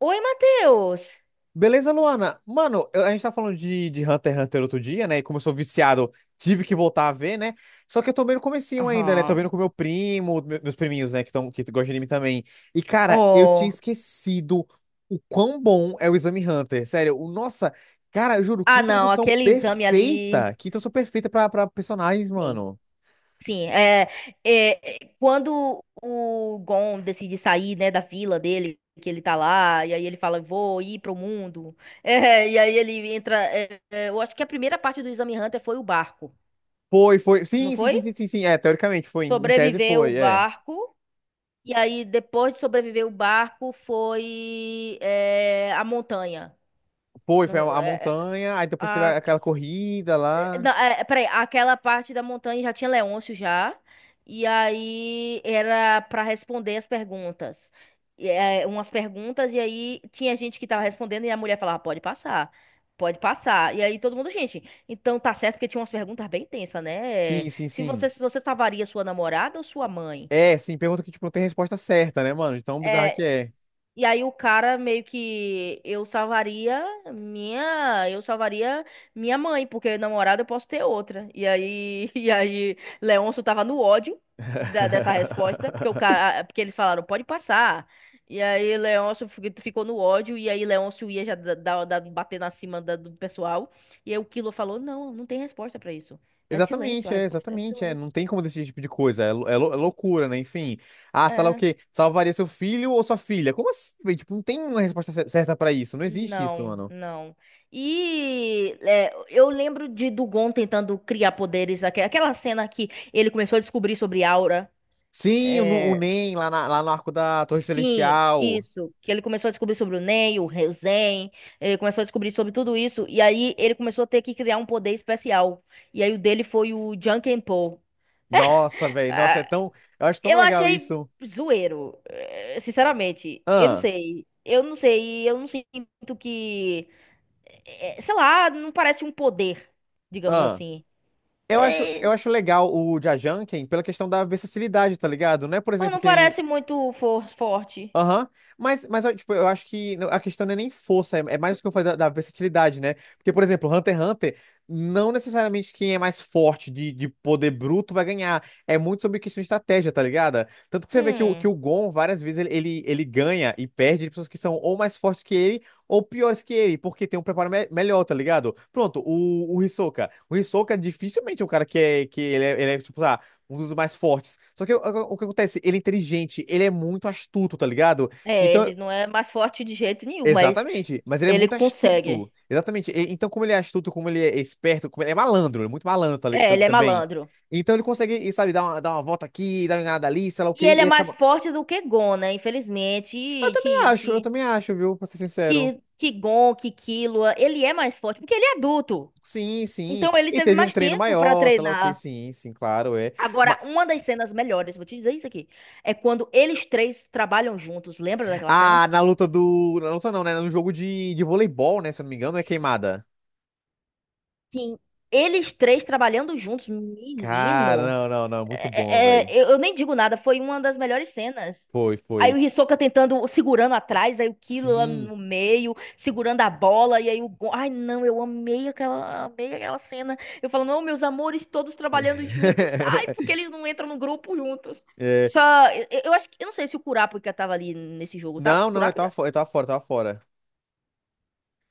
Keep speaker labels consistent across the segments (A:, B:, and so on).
A: Oi, Matheus!
B: Beleza, Luana? Mano, eu- a gente tá falando de Hunter x Hunter outro dia, né? E como eu sou viciado, tive que voltar a ver, né? Só que eu tô bem no comecinho ainda, né? Tô
A: Aham.
B: vendo com meu primo, meus priminhos, né? Que, tão, que gostam de anime também. E, cara, eu tinha
A: Oh.
B: esquecido o quão bom é o Exame Hunter. Sério, o, nossa, cara, eu juro, que
A: Ah, não,
B: introdução
A: aquele exame ali.
B: perfeita! Que introdução perfeita pra personagens,
A: Sim,
B: mano.
A: sim. É, quando o Gon decide sair, né, da vila dele, que ele tá lá, e aí ele fala, vou ir pro mundo. É, e aí ele entra. É, eu acho que a primeira parte do Exame Hunter foi o barco,
B: Foi, foi.
A: não
B: Sim, sim,
A: foi?
B: sim, sim, sim, sim. É, teoricamente foi. Em tese
A: Sobreviveu o
B: foi, é.
A: barco. E aí, depois de sobreviver o barco, foi a montanha.
B: Foi, foi a
A: No- é,
B: montanha, aí depois teve
A: a-
B: aquela corrida lá.
A: Não, peraí, aquela parte da montanha já tinha Leôncio já, e aí era pra responder as perguntas. E, umas perguntas, e aí tinha gente que tava respondendo, e a mulher falava, pode passar, pode passar. E aí todo mundo, gente, então tá certo, porque tinha umas perguntas bem tensas, né?
B: Sim, sim,
A: Se você,
B: sim.
A: se você salvaria sua namorada ou sua mãe?
B: É, sim, pergunta que, tipo, não tem resposta certa, né, mano? De tão bizarra que
A: É,
B: é.
A: e aí o cara meio que eu salvaria minha, eu salvaria minha mãe, porque namorada eu posso ter outra. E aí e aí Leôncio tava no ódio dessa resposta, porque porque eles falaram, pode passar. E aí Leôncio ficou no ódio e aí Leôncio ia já bater na cima do pessoal. E aí o Kilo falou: "Não, não tem resposta pra isso. É silêncio,
B: Exatamente,
A: a
B: é,
A: resposta é
B: exatamente, é.
A: silêncio."
B: Não tem como decidir esse tipo de coisa. É, é loucura, né? Enfim. Ah, sei lá o
A: é
B: quê? Salvaria seu filho ou sua filha? Como assim, velho? Tipo, não tem uma resposta certa pra isso. Não existe isso,
A: Não,
B: mano.
A: não. E, eu lembro de Dugon tentando criar poderes, aquela cena que ele começou a descobrir sobre aura.
B: Sim, o, o
A: É,
B: NEM lá, lá no arco da Torre
A: sim,
B: Celestial.
A: isso. Que ele começou a descobrir sobre o Nen, o Zen, ele começou a descobrir sobre tudo isso. E aí ele começou a ter que criar um poder especial. E aí o dele foi o Jankenpo.
B: Nossa, velho. Nossa,
A: Ah,
B: é tão. Eu acho tão
A: eu
B: legal
A: achei
B: isso.
A: zoeiro, sinceramente. Eu não
B: Ah,
A: sei. Eu não sei. Eu não sinto que. Sei lá, não parece um poder, digamos
B: ah.
A: assim. É,
B: Eu acho legal o Jajangquemin pela questão da versatilidade, tá ligado? Não é, por
A: mas
B: exemplo,
A: não
B: que nem
A: parece muito forte.
B: aham. Mas, ó, tipo, eu acho que a questão não é nem força, é, é mais o que eu falei da versatilidade, né? Porque, por exemplo, Hunter x Hunter, não necessariamente quem é mais forte de poder bruto vai ganhar. É muito sobre questão de estratégia, tá ligado? Tanto que você vê que
A: Hum.
B: o Gon, várias vezes, ele ganha e perde de pessoas que são ou mais fortes que ele ou piores que ele, porque tem um preparo melhor, tá ligado? Pronto, o Hisoka. O Hisoka dificilmente é um cara que é, que ele é, tipo, um dos mais fortes. Só que o, o que acontece? Ele é inteligente, ele é muito astuto, tá ligado?
A: É,
B: Então,
A: ele não é mais forte de jeito nenhum, mas
B: exatamente, mas ele é
A: ele
B: muito
A: consegue.
B: astuto. Exatamente. E- então, como ele é astuto, como ele é esperto, como ele é malandro, ele é muito malandro
A: É, ele é
B: também.
A: malandro.
B: Então ele consegue, e, sabe, dar uma volta aqui, dar uma enganada ali, sei lá o quê,
A: E ele é
B: e
A: mais
B: acaba.
A: forte do que Gon, né? Infelizmente, e que,
B: Eu
A: que,
B: também acho, viu, pra ser sincero.
A: que, que Gon, que Killua, ele é mais forte, porque ele é adulto.
B: Sim, sim.
A: Então ele
B: E
A: teve
B: teve um
A: mais
B: treino
A: tempo pra
B: maior, sei lá o quê,
A: treinar.
B: sim, sim, claro, é. Ma-
A: Agora, uma das cenas melhores, vou te dizer isso aqui, é quando eles três trabalham juntos. Lembra daquela cena?
B: Ah, na luta do. Na luta não, né? No jogo de voleibol, né? Se eu não me engano, é queimada.
A: Sim, eles três trabalhando juntos,
B: Cara,
A: menino.
B: não, não, não, muito bom,
A: É, é,
B: velho.
A: é, eu nem digo nada, foi uma das melhores cenas.
B: Foi,
A: Aí
B: foi.
A: o Hisoka tentando, segurando atrás, aí o Killua
B: Sim.
A: no meio, segurando a bola, e aí o Gon... Ai, não, eu amei aquela cena. Eu falo, não, meus amores, todos trabalhando juntos. Ai, porque eles não entram no grupo juntos.
B: É,
A: Só, eu acho que, eu não sei se o Kurapika tava ali nesse jogo, tava?
B: não, não, eu tava,
A: Kurapika?
B: eu tava fora, eu tava fora.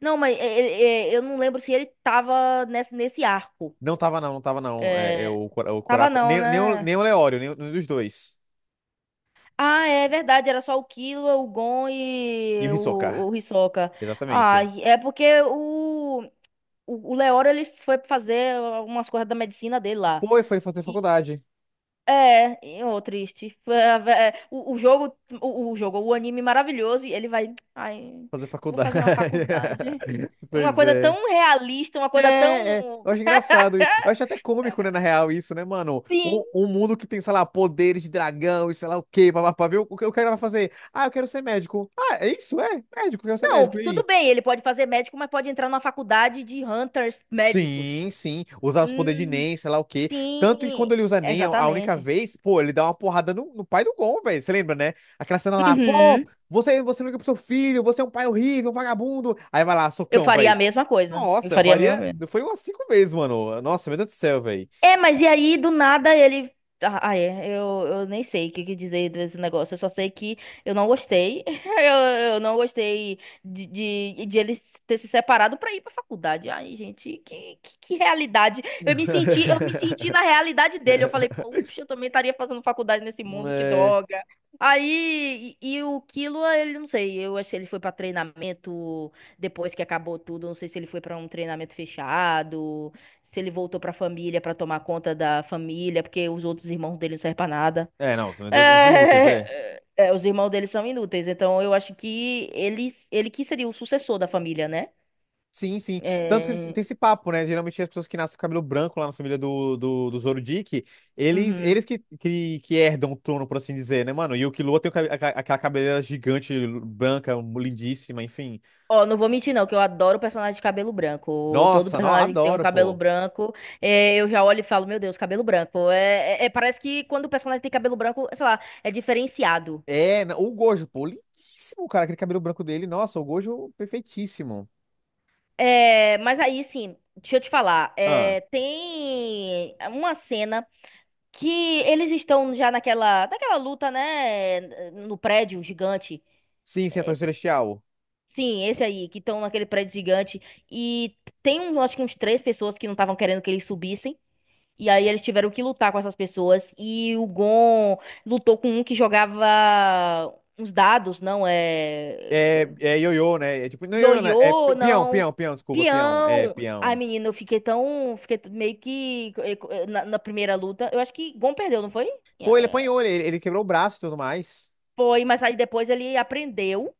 A: Não, mas eu não lembro se ele tava nesse arco.
B: Não tava não, não tava não. É, é
A: É,
B: o, o
A: tava
B: Corapco,
A: não,
B: nem, nem o,
A: né?
B: nem o Leório, nem, nenhum dos dois.
A: Ah, é verdade, era só o Killua, o Gon
B: E
A: e
B: o Hisoka,
A: o Hisoka. Ah,
B: exatamente.
A: e é porque o Leoro, ele foi fazer algumas coisas da medicina dele lá.
B: Foi, foi fazer
A: E,
B: faculdade.
A: e, ô, triste. Foi a ve- é, O anime maravilhoso, e ele vai, ai,
B: Fazer
A: vou fazer uma
B: faculdade.
A: faculdade. É uma
B: Pois
A: coisa
B: é.
A: tão realista, uma coisa
B: É, é,
A: tão...
B: eu acho engraçado. E eu acho até cômico, né, na real, isso, né, mano? Um,
A: Sim,
B: um mundo que tem, sei lá, poderes de dragão e sei lá o quê, papapá, viu? O que o cara vai fazer? Ah, eu quero ser médico. Ah, é isso? É, médico, eu quero ser
A: não,
B: médico. E
A: tudo
B: aí?
A: bem, ele pode fazer médico, mas pode entrar numa faculdade de hunters médicos.
B: Sim, sim. Usar os poderes de
A: Hum.
B: Nen, sei lá o quê. Tanto que
A: Sim,
B: quando ele usa Nen a única
A: exatamente.
B: vez, pô, ele dá uma porrada no, no pai do Gon, velho. Você lembra, né? Aquela cena lá, pô,
A: Uhum.
B: você, você não liga pro seu filho, você é um pai horrível, um vagabundo. Aí vai lá,
A: Eu
B: socão,
A: faria a
B: velho.
A: mesma coisa. Eu
B: Nossa,
A: faria a
B: eu
A: mesma.
B: faria umas cinco vezes, mano. Nossa, meu Deus do céu, velho.
A: É, mas e aí, do nada, ele. Ah, ah, é. Eu nem sei o que dizer desse negócio. Eu só sei que eu não gostei. Eu, eu não gostei de ele ter se separado pra ir pra faculdade. Ai, gente, que realidade. Eu me senti na realidade dele. Eu falei, poxa, eu também estaria fazendo faculdade nesse mundo, que
B: É,
A: droga. Aí, e o Kilo, ele não sei. Eu achei que ele foi pra treinamento depois que acabou tudo. Não sei se ele foi pra um treinamento fechado. Se ele voltou pra família pra tomar conta da família, porque os outros irmãos dele não servem pra nada.
B: é, não, também uns inúteis, é.
A: É, é, os irmãos dele são inúteis, então eu acho que ele que seria o sucessor da família, né?
B: Sim, sim. Tanto que
A: É...
B: tem esse papo, né? Geralmente as pessoas que nascem com cabelo branco lá na família do Zorodick, eles,
A: uhum.
B: eles que herdam o trono, por assim dizer, né, mano? E o Killua tem o aquela cabeleira gigante, branca, lindíssima, enfim.
A: Ó, não vou mentir não, que eu adoro personagem de cabelo branco. Todo
B: Nossa, não,
A: personagem que tem um
B: adoro,
A: cabelo
B: pô.
A: branco, eu já olho e falo, meu Deus, cabelo branco. É, parece que quando o personagem tem cabelo branco, sei lá, é diferenciado.
B: É, o Gojo, pô, lindíssimo, cara, aquele cabelo branco dele. Nossa, o Gojo, perfeitíssimo.
A: É, mas aí, sim, deixa eu te falar.
B: Ah,
A: Tem uma cena que eles estão já naquela luta, né, no prédio gigante.
B: sim, sim, a Torre Celestial.
A: Sim, esse aí, que estão naquele prédio gigante. E tem, acho que uns três pessoas que não estavam querendo que eles subissem. E aí eles tiveram que lutar com essas pessoas. E o Gon lutou com um que jogava uns dados, não é...
B: É, é ioiô, né? É tipo, não é ioiô, né? É
A: Ioiô, não...
B: peão, desculpa, peão. É,
A: Peão! Ai,
B: peão.
A: menina, eu fiquei tão... Fiquei meio que... Na primeira luta, eu acho que Gon perdeu, não foi?
B: Foi, ele apanhou, ele quebrou o braço e tudo mais.
A: Foi, mas aí depois ele aprendeu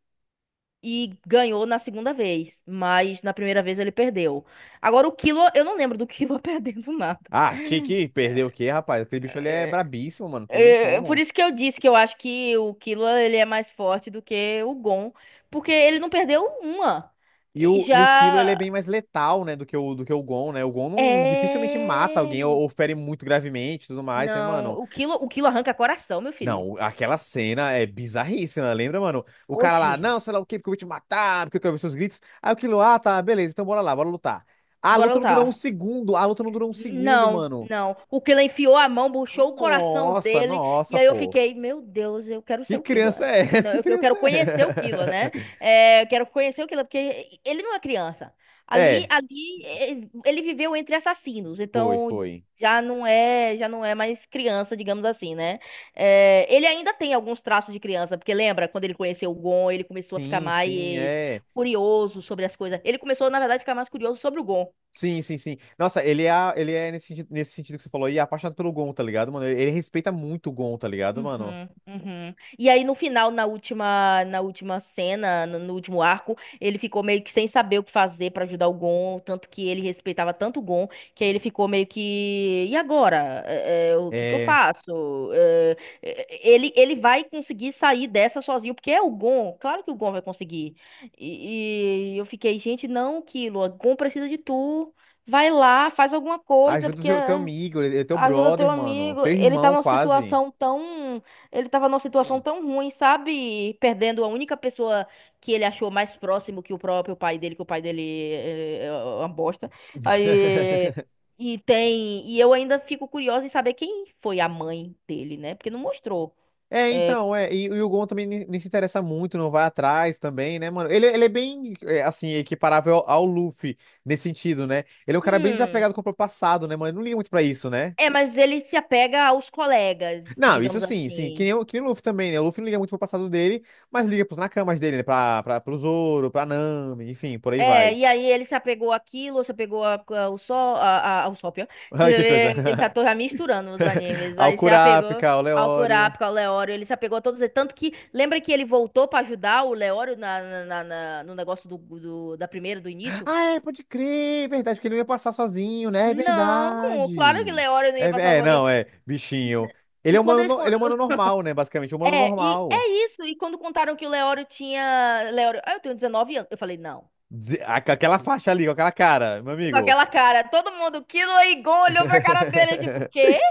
A: e ganhou na segunda vez. Mas na primeira vez ele perdeu. Agora o Kilo, eu não lembro do Kilo perdendo nada.
B: Ah, que perdeu o quê, rapaz? Aquele bicho ele é
A: É,
B: brabíssimo, mano, não tem nem
A: é, por
B: como.
A: isso que eu disse que eu acho que o Kilo ele é mais forte do que o Gon. Porque ele não perdeu uma. E
B: E o Kilo, ele é
A: já.
B: bem mais letal, né, do que o Gon, né? O Gon não, dificilmente mata alguém
A: É.
B: ou fere muito gravemente e tudo mais, né,
A: Não,
B: mano?
A: o Kilo arranca coração, meu filho.
B: Não, aquela cena é bizarríssima, lembra, mano? O cara
A: Oxi,
B: lá, não, sei lá o quê, porque eu vou te matar, porque eu quero ver seus gritos. Aí aquilo, ah, tá, beleza, então bora lá, bora lutar. A
A: bora
B: luta não durou um
A: lutar.
B: segundo, a luta não durou um segundo,
A: Não,
B: mano.
A: não. O Killer enfiou a mão, puxou o coração
B: Nossa,
A: dele, e
B: nossa,
A: aí eu
B: pô.
A: fiquei, meu Deus, eu quero ser
B: Que
A: o Killer.
B: criança é essa?
A: Não,
B: Que
A: eu quero
B: criança
A: conhecer o Killer,
B: é?
A: né? É, eu quero conhecer o Killer, porque ele não é criança. Ali,
B: É,
A: ali, ele viveu entre assassinos,
B: foi,
A: então
B: foi.
A: já não é mais criança, digamos assim, né? É, ele ainda tem alguns traços de criança, porque lembra quando ele conheceu o Gon, ele começou a ficar
B: Sim, sim,
A: mais
B: é.
A: curioso sobre as coisas. Ele começou, na verdade, a ficar mais curioso sobre o Gon.
B: Sim, sim, sim. Nossa, ele é nesse sentido que você falou aí, apaixonado pelo Gon, tá ligado, mano? Ele respeita muito o Gon, tá ligado, mano?
A: Uhum, uhum. E aí no final, na última cena, no último arco, ele ficou meio que sem saber o que fazer pra ajudar o Gon, tanto que ele respeitava tanto o Gon, que aí ele ficou meio que, e agora? É, o que que eu
B: É.
A: faço? É, ele vai conseguir sair dessa sozinho, porque é o Gon, claro que o Gon vai conseguir. E, eu fiquei, gente, não, Killua, Gon precisa de tu. Vai lá, faz alguma coisa,
B: Ajuda o
A: porque
B: teu
A: é.
B: amigo, ele é teu
A: Ajuda
B: brother,
A: teu
B: mano.
A: amigo.
B: Teu
A: Ele tá
B: irmão,
A: numa
B: quase.
A: situação tão. Ele tava numa situação tão ruim, sabe? Perdendo a única pessoa que ele achou mais próximo que o próprio pai dele, que o pai dele é uma bosta. Aí. E tem. E eu ainda fico curiosa em saber quem foi a mãe dele, né? Porque não mostrou.
B: É,
A: É,
B: então, é. E o Gon também nem se interessa muito, não vai atrás também, né, mano? Ele é bem, é, assim, equiparável ao Luffy nesse sentido, né? Ele é um cara bem
A: hum.
B: desapegado com o próprio passado, né, mano? Ele não liga muito pra isso, né?
A: É, mas ele se apega aos colegas,
B: Não, isso
A: digamos
B: sim, sim. Que
A: assim.
B: nem, que nem o Luffy também, né? O Luffy não liga muito pro passado dele, mas liga pros nakamas dele, né? Pro Zoro, pra Nami, enfim, por aí
A: É,
B: vai.
A: e aí ele se apegou àquilo, se apegou ao sol, ao sol, pior. Você
B: Ai, que coisa.
A: vê, eu já tô já misturando os animes.
B: Ao
A: Aí se apegou
B: Kurapika, ao
A: ao
B: Leório.
A: Kurapika, ao Leório, ele se apegou a todos eles. Tanto que, lembra que ele voltou pra ajudar o Leório no negócio da primeira, do início?
B: Ah, é, pode crer, é verdade, porque ele não ia passar sozinho, né? É
A: Não, claro que
B: verdade.
A: Leório não ia
B: É,
A: passar
B: é,
A: sozinho.
B: não, é, bichinho. Ele
A: E
B: é um
A: quando
B: humano,
A: eles...
B: ele é um humano normal, né? Basicamente, um humano
A: É, e é
B: normal.
A: isso. E quando contaram que o Leório tinha... Leório, ah, eu tenho 19 anos. Eu falei, não.
B: Aquela faixa ali, com aquela cara, meu
A: Com
B: amigo.
A: aquela cara, todo mundo, Killua e Gon olhou pra cara dele, tipo, o quê?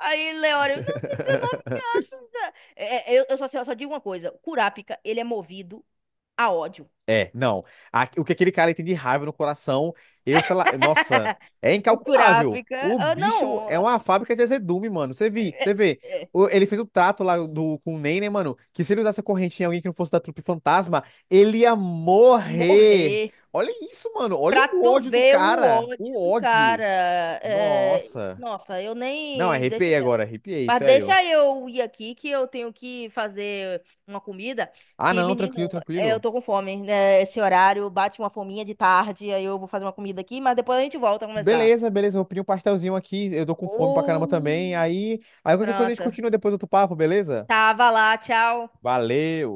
A: Aí, Leório, não, tem 19 anos, né? É, eu só digo uma coisa: o Kurapika, ele é movido a ódio.
B: É, não. O que aquele cara tem de raiva no coração, eu, sei lá, nossa, é
A: O
B: incalculável.
A: Kurapika,
B: O
A: ah,
B: bicho
A: não,
B: é uma fábrica de azedume, mano. Você vi, você vê.
A: é,
B: Ele fez o trato lá do, com o Ney, né, mano? Que se ele usasse a corrente em alguém que não fosse da trupe fantasma, ele ia morrer.
A: morrer
B: Olha isso, mano. Olha
A: pra
B: o
A: tu
B: ódio do
A: ver o
B: cara. O
A: ódio do cara.
B: ódio.
A: É,
B: Nossa.
A: nossa, eu
B: Não,
A: nem. Deixa
B: arrepiei agora,
A: quieto.
B: arrepiei,
A: Mas
B: sério.
A: deixa eu ir aqui que eu tenho que fazer uma comida.
B: Ah,
A: Que,
B: não, tranquilo,
A: menino, eu
B: tranquilo.
A: tô com fome, né? Esse horário bate uma fominha de tarde, aí eu vou fazer uma comida aqui, mas depois a gente volta a conversar.
B: Beleza, beleza, vou pedir um pastelzinho aqui, eu tô com fome pra caramba também.
A: Oh,
B: Aí, aí qualquer coisa a gente
A: pronto.
B: continua depois do outro papo, beleza?
A: Tava lá, tchau.
B: Valeu!